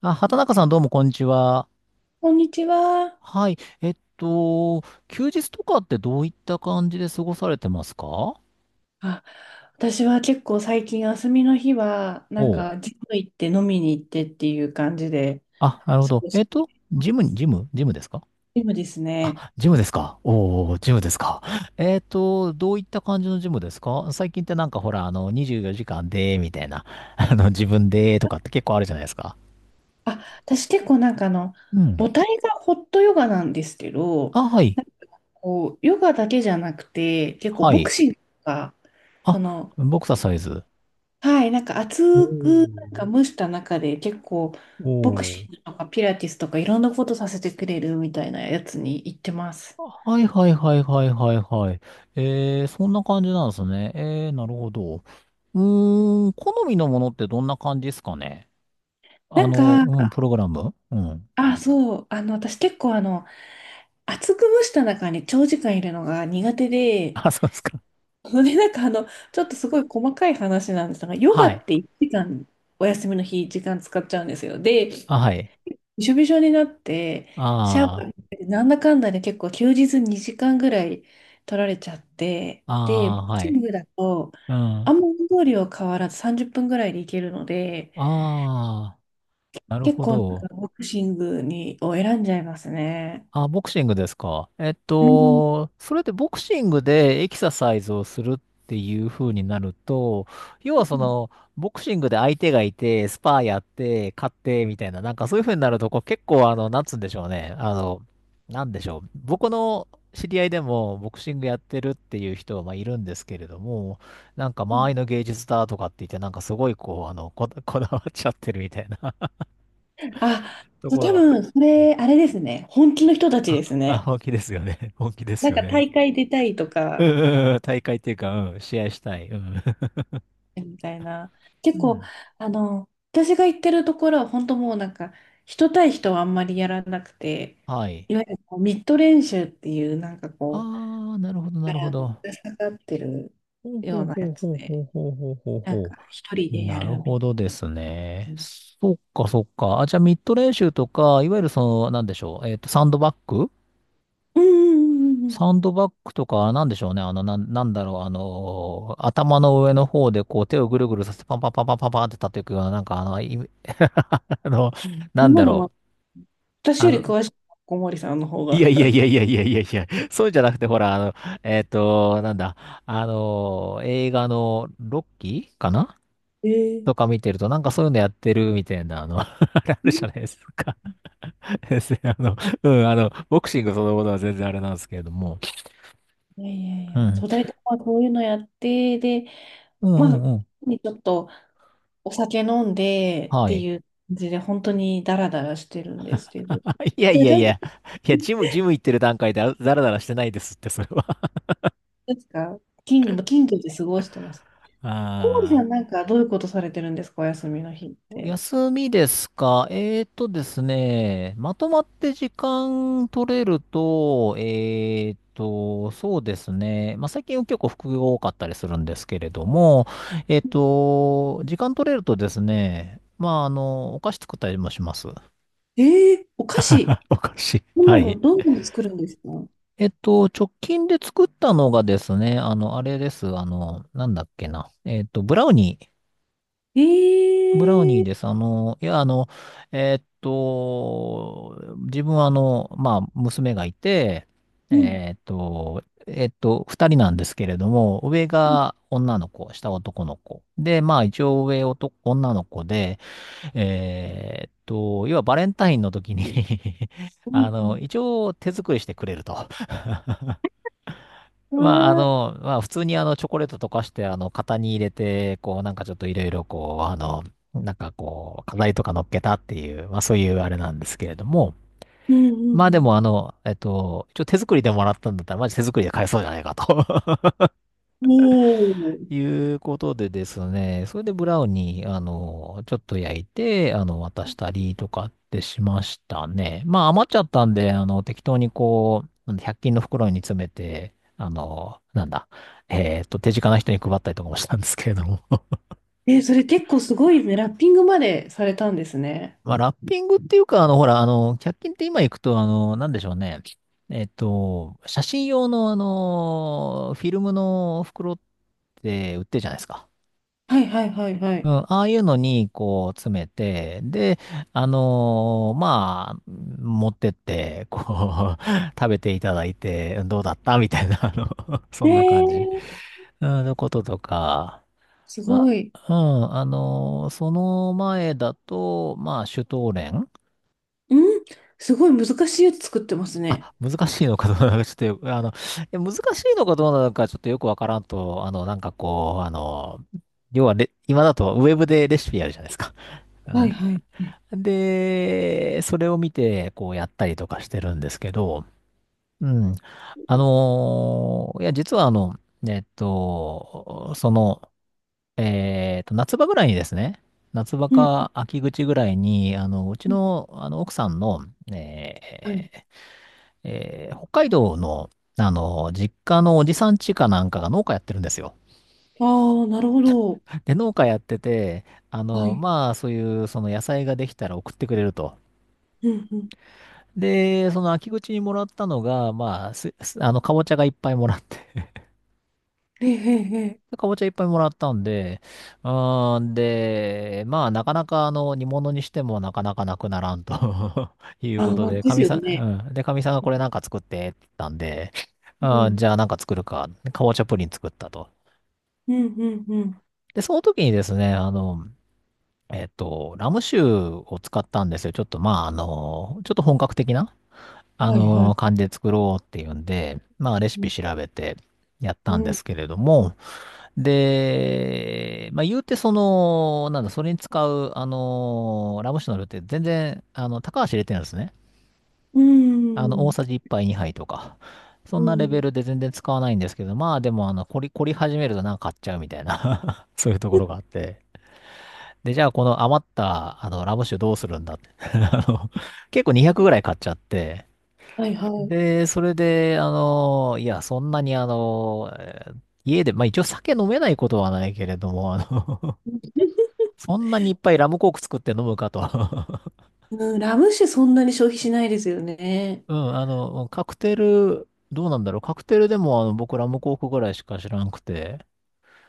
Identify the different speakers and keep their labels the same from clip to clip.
Speaker 1: あ、畑中さんどうもこんにちは。
Speaker 2: こんにちは。
Speaker 1: はい。えっと、休日とかってどういった感じで過ごされてますか？
Speaker 2: あ、私は結構最近休みの日は、なん
Speaker 1: お
Speaker 2: か、
Speaker 1: う。
Speaker 2: ジム行って飲みに行ってっていう感じで、
Speaker 1: あ、なるほ
Speaker 2: 過
Speaker 1: ど。
Speaker 2: ごしていま
Speaker 1: ジムに、
Speaker 2: す。
Speaker 1: ジムですか？
Speaker 2: ジムですね。
Speaker 1: あ、ジムですか、おー、ジムですか。どういった感じのジムですか？最近ってなんかほら、24時間で、みたいな、自分で、とかって結構あるじゃないですか。
Speaker 2: あ、私結構なんか
Speaker 1: うん。
Speaker 2: 母体がホットヨガなんですけど、
Speaker 1: あ、はい。
Speaker 2: なんかこう、ヨガだけじゃなくて、結構
Speaker 1: は
Speaker 2: ボク
Speaker 1: い。
Speaker 2: シングとか、そ
Speaker 1: あ、
Speaker 2: の、
Speaker 1: ボクササイズ。
Speaker 2: はい、なんか
Speaker 1: お
Speaker 2: 熱くな
Speaker 1: ー、
Speaker 2: んか蒸した中で結構、
Speaker 1: お
Speaker 2: ボク
Speaker 1: ー、
Speaker 2: シングとかピラティスとかいろんなことさせてくれるみたいなやつに行ってます。
Speaker 1: はいはいはいはいはいはい。えー、そんな感じなんですね。えー、なるほど。うーん、好みのものってどんな感じですかね？
Speaker 2: なんか、
Speaker 1: うん、プログラム、うん。
Speaker 2: あ、そう、私結構厚く蒸した中に長時間いるのが苦手 で、
Speaker 1: あ、そうですか。
Speaker 2: それで、なんかちょっとすごい細かい話なんですが、ヨガ
Speaker 1: は
Speaker 2: っ
Speaker 1: い。
Speaker 2: て1時間お休みの日時間使っちゃうんですよ。で、
Speaker 1: あ、はい。
Speaker 2: びしょびしょになって、シャワー
Speaker 1: あ
Speaker 2: 浴びてなんだかんだで結構休日2時間ぐらい取られちゃって、
Speaker 1: あ、
Speaker 2: で、
Speaker 1: ああ、
Speaker 2: ボク
Speaker 1: は
Speaker 2: シン
Speaker 1: い。
Speaker 2: グだと、
Speaker 1: うん。
Speaker 2: あ
Speaker 1: あ
Speaker 2: んま運動量変わらず30分ぐらいでいけるので、
Speaker 1: あ、なる
Speaker 2: 結
Speaker 1: ほ
Speaker 2: 構なんか
Speaker 1: ど。
Speaker 2: ボクシングを選んじゃいますね。
Speaker 1: あ、ボクシングですか。
Speaker 2: うん
Speaker 1: それでボクシングでエキササイズをするっていう風になると、要
Speaker 2: う
Speaker 1: はそ
Speaker 2: ん
Speaker 1: の、ボクシングで相手がいて、スパーやって、勝ってみたいな、なんかそういう風になると、こう結構なんつうんでしょうね。なんでしょう。僕の知り合いでもボクシングやってるっていう人はまあいるんですけれども、なんか
Speaker 2: う
Speaker 1: 周
Speaker 2: ん。
Speaker 1: りの芸術だとかって言って、なんかすごいこう、こだわっちゃってるみたいな
Speaker 2: あ、
Speaker 1: と
Speaker 2: そう
Speaker 1: ころ
Speaker 2: 多
Speaker 1: がある。
Speaker 2: 分、それ、あれですね。本気の人たち
Speaker 1: あ、
Speaker 2: です
Speaker 1: あ、
Speaker 2: ね。
Speaker 1: 本気ですよね。本気で
Speaker 2: な
Speaker 1: す
Speaker 2: ん
Speaker 1: よ
Speaker 2: か
Speaker 1: ね。
Speaker 2: 大会出たいと
Speaker 1: うん
Speaker 2: か、
Speaker 1: うんうん、大会っていうか、うん、試合したい。うん。
Speaker 2: みたいな。
Speaker 1: う
Speaker 2: 結構、
Speaker 1: ん。
Speaker 2: 私が行ってるところは、本当もうなんか、人対人はあんまりやらなくて、
Speaker 1: はい。
Speaker 2: いわゆるこうミッド練習っていう、なんかこう、
Speaker 1: あー、なるほど、な
Speaker 2: か
Speaker 1: るほ
Speaker 2: らの
Speaker 1: ど。
Speaker 2: ぶら下がってる
Speaker 1: ほう
Speaker 2: よ
Speaker 1: ほ
Speaker 2: う
Speaker 1: う
Speaker 2: なや
Speaker 1: ほう
Speaker 2: つ
Speaker 1: ほう
Speaker 2: で、
Speaker 1: ほうほうほうほう
Speaker 2: なん
Speaker 1: ほ
Speaker 2: か、一人
Speaker 1: う。
Speaker 2: でや
Speaker 1: なる
Speaker 2: るみ
Speaker 1: ほどで
Speaker 2: たいな。
Speaker 1: す
Speaker 2: う
Speaker 1: ね。
Speaker 2: ん
Speaker 1: そっか、そっか。あ、じゃあ、ミッド練習とか、いわゆるその、なんでしょう。グ
Speaker 2: うんうんうんうん。
Speaker 1: サンドバッグとか、なんでしょうね。なんだろう。頭の上の方で、こう、手をぐるぐるさせて、パンパンパンパンパンパンって叩くような、なんか、あの、
Speaker 2: そ
Speaker 1: な
Speaker 2: ん
Speaker 1: ん
Speaker 2: な
Speaker 1: だ
Speaker 2: の
Speaker 1: ろう。
Speaker 2: も、私
Speaker 1: あ
Speaker 2: より
Speaker 1: の、
Speaker 2: 詳しい、小森さんの方
Speaker 1: いや
Speaker 2: が。
Speaker 1: いやいやいやいやいやいや、そうじゃなくて、ほら、あの、えっと、なんだ、あの、映画のロッキーかな
Speaker 2: えー、
Speaker 1: とか見てると、なんかそういうのやってるみたいな、あれあるじゃないですか。ですね、うん、ボクシングそのものは全然あれなんですけれども。
Speaker 2: いやいやい
Speaker 1: う
Speaker 2: や、
Speaker 1: ん。
Speaker 2: とだいたいまあこういうのやってで、
Speaker 1: うん
Speaker 2: ま
Speaker 1: う
Speaker 2: あ
Speaker 1: んうん。
Speaker 2: にちょっとお酒飲んでっ
Speaker 1: は
Speaker 2: て
Speaker 1: い。
Speaker 2: いう感じで本当にだらだらしてるんですっていう、
Speaker 1: あ、いやい
Speaker 2: で
Speaker 1: や
Speaker 2: だ
Speaker 1: い
Speaker 2: いた
Speaker 1: や、
Speaker 2: い
Speaker 1: いや、ジム行ってる段階であラらラらしてないですって、それは。
Speaker 2: ですか、金土も金土で過ごしてます。
Speaker 1: あ
Speaker 2: コーホさんは
Speaker 1: あ。
Speaker 2: なんかどういうことされてるんですか？お休みの日って。
Speaker 1: 休みですか？えーとですね、まとまって時間取れると、そうですね。まあ、最近は結構副業多かったりするんですけれども、時間取れるとですね、まあ、お菓子作ったりもします。
Speaker 2: ええ、お菓子。
Speaker 1: お菓子。
Speaker 2: 今
Speaker 1: はい。
Speaker 2: どんどん作るんですか？
Speaker 1: 直近で作ったのがですね、あれです。あの、なんだっけな。えっと、ブラウニー。ブラウニー
Speaker 2: ええ。
Speaker 1: です。自分はまあ、娘がいて、
Speaker 2: うん
Speaker 1: 二人なんですけれども、上
Speaker 2: うん
Speaker 1: が女の子、下男の子。で、まあ、一応上男、女の子で、要はバレンタインの時に
Speaker 2: うん
Speaker 1: 一応手作りしてくれると。
Speaker 2: う
Speaker 1: まあ、
Speaker 2: ん
Speaker 1: まあ、普通にチョコレート溶かして、型に入れて、こう、なんかちょっといろいろ、なんかこう、飾りとか乗っけたっていう、まあ、そういうあれなんですけれども、
Speaker 2: うんう
Speaker 1: まあでも、
Speaker 2: ん。
Speaker 1: 一応手作りでもらったんだったら、マジ手作りで買えそうじゃないかと
Speaker 2: もう。
Speaker 1: いうことでですね、それでブラウンに、ちょっと焼いて、渡したりとかってしましたね。まあ、余っちゃったんで、適当にこう、100均の袋に詰めて、あの、なんだ、えっと、手近な人に配ったりとかもしたんですけれども。
Speaker 2: えー、それ結構すごいね、ラッピングまでされたんですね。
Speaker 1: まあ、ラッピングっていうか、ほら、100均って今行くと、なんでしょうね。写真用の、フィルムの袋って売ってるじゃないですか。
Speaker 2: はいはいはいは
Speaker 1: うん、
Speaker 2: い。
Speaker 1: ああいうのに、こう、詰めて、で、まあ、持ってって、こう、食べていただいて、どうだったみたいな、そ
Speaker 2: え
Speaker 1: んな感じ、
Speaker 2: ー、
Speaker 1: うん、のこととか、
Speaker 2: す
Speaker 1: ま
Speaker 2: ごい。
Speaker 1: あ、うん、その前だと、まあ、シュトーレン、
Speaker 2: うん、すごい難しいやつ作ってますね。
Speaker 1: 難しいのかどうなのか、ちょっとよく、難しいのかどうなのか、ちょっとよくわからんと、要はレ、今だとウェブでレシピやるじゃないですか。う
Speaker 2: は
Speaker 1: ん。
Speaker 2: いはいはい。
Speaker 1: で、それを見て、こうやったりとかしてるんですけど、うん。いや、実はえっと、その、夏場ぐらいにですね、夏場
Speaker 2: うん。
Speaker 1: か秋口ぐらいに、うちの、奥さんの、え
Speaker 2: はい。
Speaker 1: ー北海道の、実家のおじさん家かなんかが農家やってるんですよ。
Speaker 2: ああ、なるほど。
Speaker 1: で、農家やってて、
Speaker 2: はい。
Speaker 1: まあ、そういう、その野菜ができたら送ってくれると。
Speaker 2: うんうん。
Speaker 1: で、その秋口にもらったのが、まあ、す、すあの、かぼちゃがいっぱいもらって、
Speaker 2: ええええ。え え、
Speaker 1: かぼちゃいっぱいもらったんで、うーん、で、まあ、なかなか、煮物にしてもなかなかなくならんと いう
Speaker 2: あ
Speaker 1: こ
Speaker 2: あ、
Speaker 1: と
Speaker 2: まあ、
Speaker 1: で、
Speaker 2: で
Speaker 1: か
Speaker 2: す
Speaker 1: み
Speaker 2: よ
Speaker 1: さ
Speaker 2: ね。
Speaker 1: ん、うん。で、かみさんがこれなんか作ってって言ったんで、
Speaker 2: う
Speaker 1: あー、
Speaker 2: ん。
Speaker 1: じゃあなんか作るか。かぼちゃプリン作ったと。
Speaker 2: うんうんうん。
Speaker 1: で、その時にですね、ラム酒を使ったんですよ。ちょっと、まあ、ちょっと本格的な。
Speaker 2: はいはい。
Speaker 1: 感じで作ろうっていうんで、まあ、レシ
Speaker 2: う
Speaker 1: ピ
Speaker 2: ん。
Speaker 1: 調べてやっ
Speaker 2: う
Speaker 1: たんで
Speaker 2: ん。
Speaker 1: すけれども、で、まあ、言うてその、なんだ、それに使う、ラム酒の量って全然、高橋入れてるんですね。
Speaker 2: う
Speaker 1: 大
Speaker 2: ん。
Speaker 1: さじ1杯2杯とか。そん
Speaker 2: う
Speaker 1: なレベ
Speaker 2: ん、
Speaker 1: ルで全然使わないんですけど、まあでも、凝り始めるとなんか買っちゃうみたいな そういうところがあって。で、じゃあこの余った、ラム酒どうするんだって 結構200ぐらい買っちゃって、
Speaker 2: はいはい。
Speaker 1: で、それで、そんなに家で、まあ一応酒飲めないことはないけれども、そんなにいっぱいラムコーク作って飲むかと。
Speaker 2: うん、ラム酒そんなに消費しないですよね。
Speaker 1: うん、カクテル、どうなんだろう。カクテルでも僕ラムコークぐらいしか知らんくて、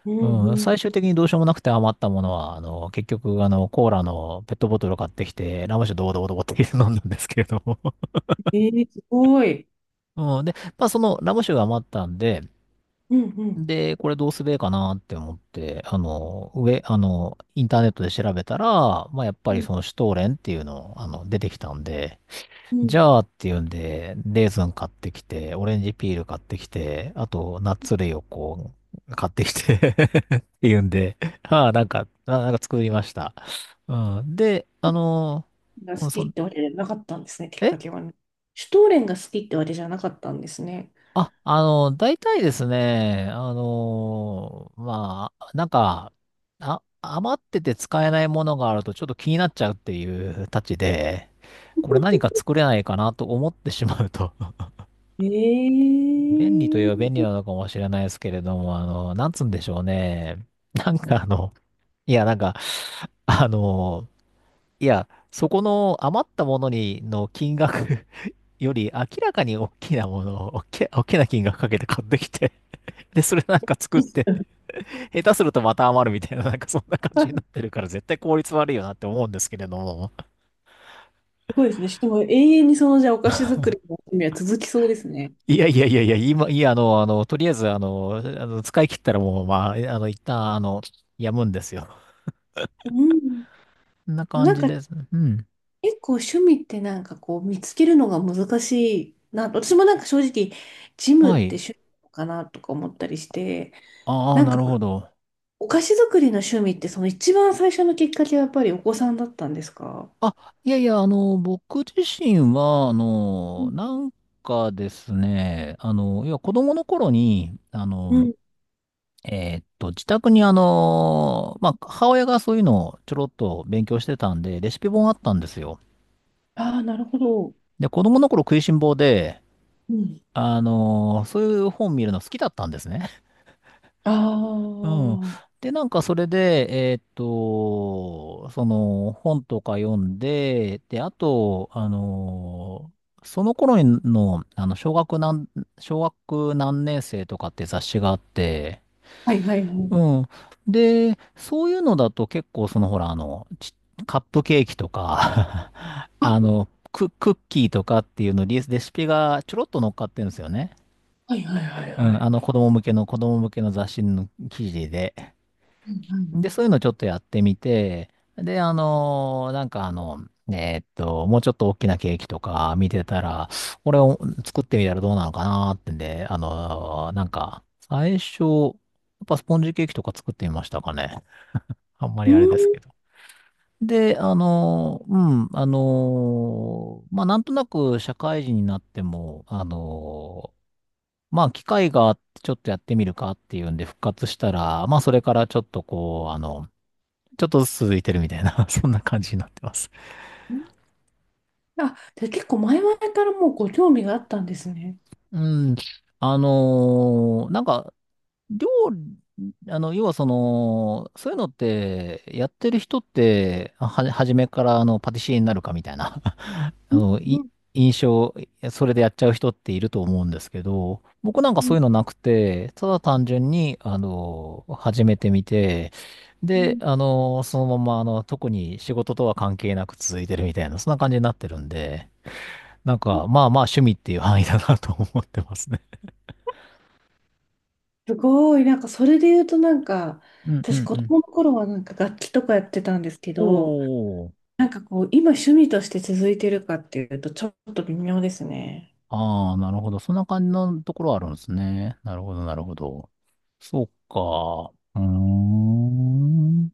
Speaker 2: う
Speaker 1: うん、
Speaker 2: ん、
Speaker 1: 最終的にどうしようもなくて余ったものは、結局、コーラのペットボトルを買ってきて、ラム酒ドボドボドボって飲んだんですけれども。
Speaker 2: えー、すごい。
Speaker 1: うん、で、まあそのラム酒が余ったんで、
Speaker 2: うんうん。
Speaker 1: で、これどうすべえかなって思って、あの、上、あの、インターネットで調べたら、まあ、やっぱ
Speaker 2: う
Speaker 1: り
Speaker 2: ん
Speaker 1: そのシュトーレンっていうの、出てきたんで、
Speaker 2: うん、
Speaker 1: じゃあっていうんで、レーズン買ってきて、オレンジピール買ってきて、あと、ナッツ類を買ってきて っていうんで、ああ、なんか、なんか作りました。うん。で、あの、
Speaker 2: が
Speaker 1: う
Speaker 2: 好
Speaker 1: んそ
Speaker 2: きっ
Speaker 1: ん、
Speaker 2: てわけじゃなかったんですね、きっ
Speaker 1: え
Speaker 2: かけはね。シュトーレンが好きってわけじゃなかったんですね。
Speaker 1: あ、あの、大体ですね、まあ、なんか、余ってて使えないものがあるとちょっと気になっちゃうっていうたちで、これ何か作れないかなと思ってしまうと
Speaker 2: え
Speaker 1: 便利といえば
Speaker 2: ー、
Speaker 1: 便利なのかもしれないですけれども、なんつうんでしょうね。なんかあの、いや、なんか、あの、そこの余ったものにの金額 より明らかに大きなものを、大きな金額かけて買ってきてで、それなんか作 って
Speaker 2: す
Speaker 1: 下手するとまた余るみたいな、なんかそんな感じになってるから、絶対効率悪いよなって思うんですけれども。
Speaker 2: ごいですね。しかも永遠にじゃあお菓子作りの趣味は続きそうですね。
Speaker 1: いやいやいやいや、今、いや、あの、あの、とりあえず、使い切ったらもう、まあ、一旦、やむんですよ。
Speaker 2: うん、
Speaker 1: こんな感
Speaker 2: なん
Speaker 1: じ
Speaker 2: か
Speaker 1: です。うん。
Speaker 2: 結構趣味ってなんかこう見つけるのが難しいな。私もなんか正直ジムっ
Speaker 1: は
Speaker 2: て
Speaker 1: い。
Speaker 2: 趣味なのかなとか思ったりして、
Speaker 1: ああ、
Speaker 2: なん
Speaker 1: な
Speaker 2: か
Speaker 1: るほど。
Speaker 2: お菓子作りの趣味って、その一番最初のきっかけはやっぱりお子さんだったんですか？
Speaker 1: あ、いやいや、僕自身は、
Speaker 2: うん
Speaker 1: なんかですね、要は子供の頃に、
Speaker 2: うん。
Speaker 1: 自宅にまあ、母親がそういうのをちょろっと勉強してたんで、レシピ本あったんですよ。
Speaker 2: ああ、なるほど。
Speaker 1: で、子供の頃食いしん坊で、
Speaker 2: うん。
Speaker 1: そういう本見るの好きだったんですね。
Speaker 2: あ
Speaker 1: うん。
Speaker 2: あ、はい
Speaker 1: で、なんかそれで、その本とか読んで、で、あと、その頃の、小学何年生とかって雑誌があって、
Speaker 2: はいはい。
Speaker 1: うん。で、そういうのだと結構そのほら、カップケーキとか
Speaker 2: あ、
Speaker 1: クッキーとかっていうのリレシピがちょろっと乗っかってるんですよね。
Speaker 2: はいはいはい
Speaker 1: う
Speaker 2: は
Speaker 1: ん。あの
Speaker 2: い。
Speaker 1: 子供向けの子供向けの雑誌の記事で。
Speaker 2: うん
Speaker 1: で、そういうのちょっとやってみて、で、もうちょっと大きなケーキとか見てたら、これを作ってみたらどうなのかなーってんで、最初、やっぱスポンジケーキとか作ってみましたかね。あんま
Speaker 2: う
Speaker 1: りあれです
Speaker 2: ん
Speaker 1: けど。で、うん、まあ、なんとなく社会人になっても、まあ、機会があってちょっとやってみるかっていうんで復活したら、まあ、それからちょっとこう、ちょっとずつ続いてるみたいな、そんな感じになってます。
Speaker 2: うん。あ、じゃあ結構前々からもうご興味があったんですね。
Speaker 1: うん、あの、なんか、料理、あの、要はその、そういうのって、やってる人って、初めからパティシエになるかみたいな
Speaker 2: う
Speaker 1: あ
Speaker 2: ん
Speaker 1: の、
Speaker 2: う
Speaker 1: い、
Speaker 2: ん
Speaker 1: 印象、それでやっちゃう人っていると思うんですけど、僕なんか
Speaker 2: う
Speaker 1: そう
Speaker 2: ん
Speaker 1: いうのなくて、ただ単純に、始めてみて、
Speaker 2: う
Speaker 1: で、
Speaker 2: ん、
Speaker 1: そのまま、特に仕事とは関係なく続いてるみたいな、そんな感じになってるんで、なんか、まあまあ趣味っていう範囲だなと思ってますね。
Speaker 2: すごい、なんかそれで言うとなんか、
Speaker 1: うんう
Speaker 2: 私
Speaker 1: ん
Speaker 2: 子
Speaker 1: うん。
Speaker 2: 供の頃はなんか楽器とかやってたんですけど、
Speaker 1: おー。
Speaker 2: なんかこう、今趣味として続いてるかっていうとちょっと微妙ですね。
Speaker 1: ああ、なるほど。そんな感じのところあるんですね。なるほど、なるほど。そうか。うーん。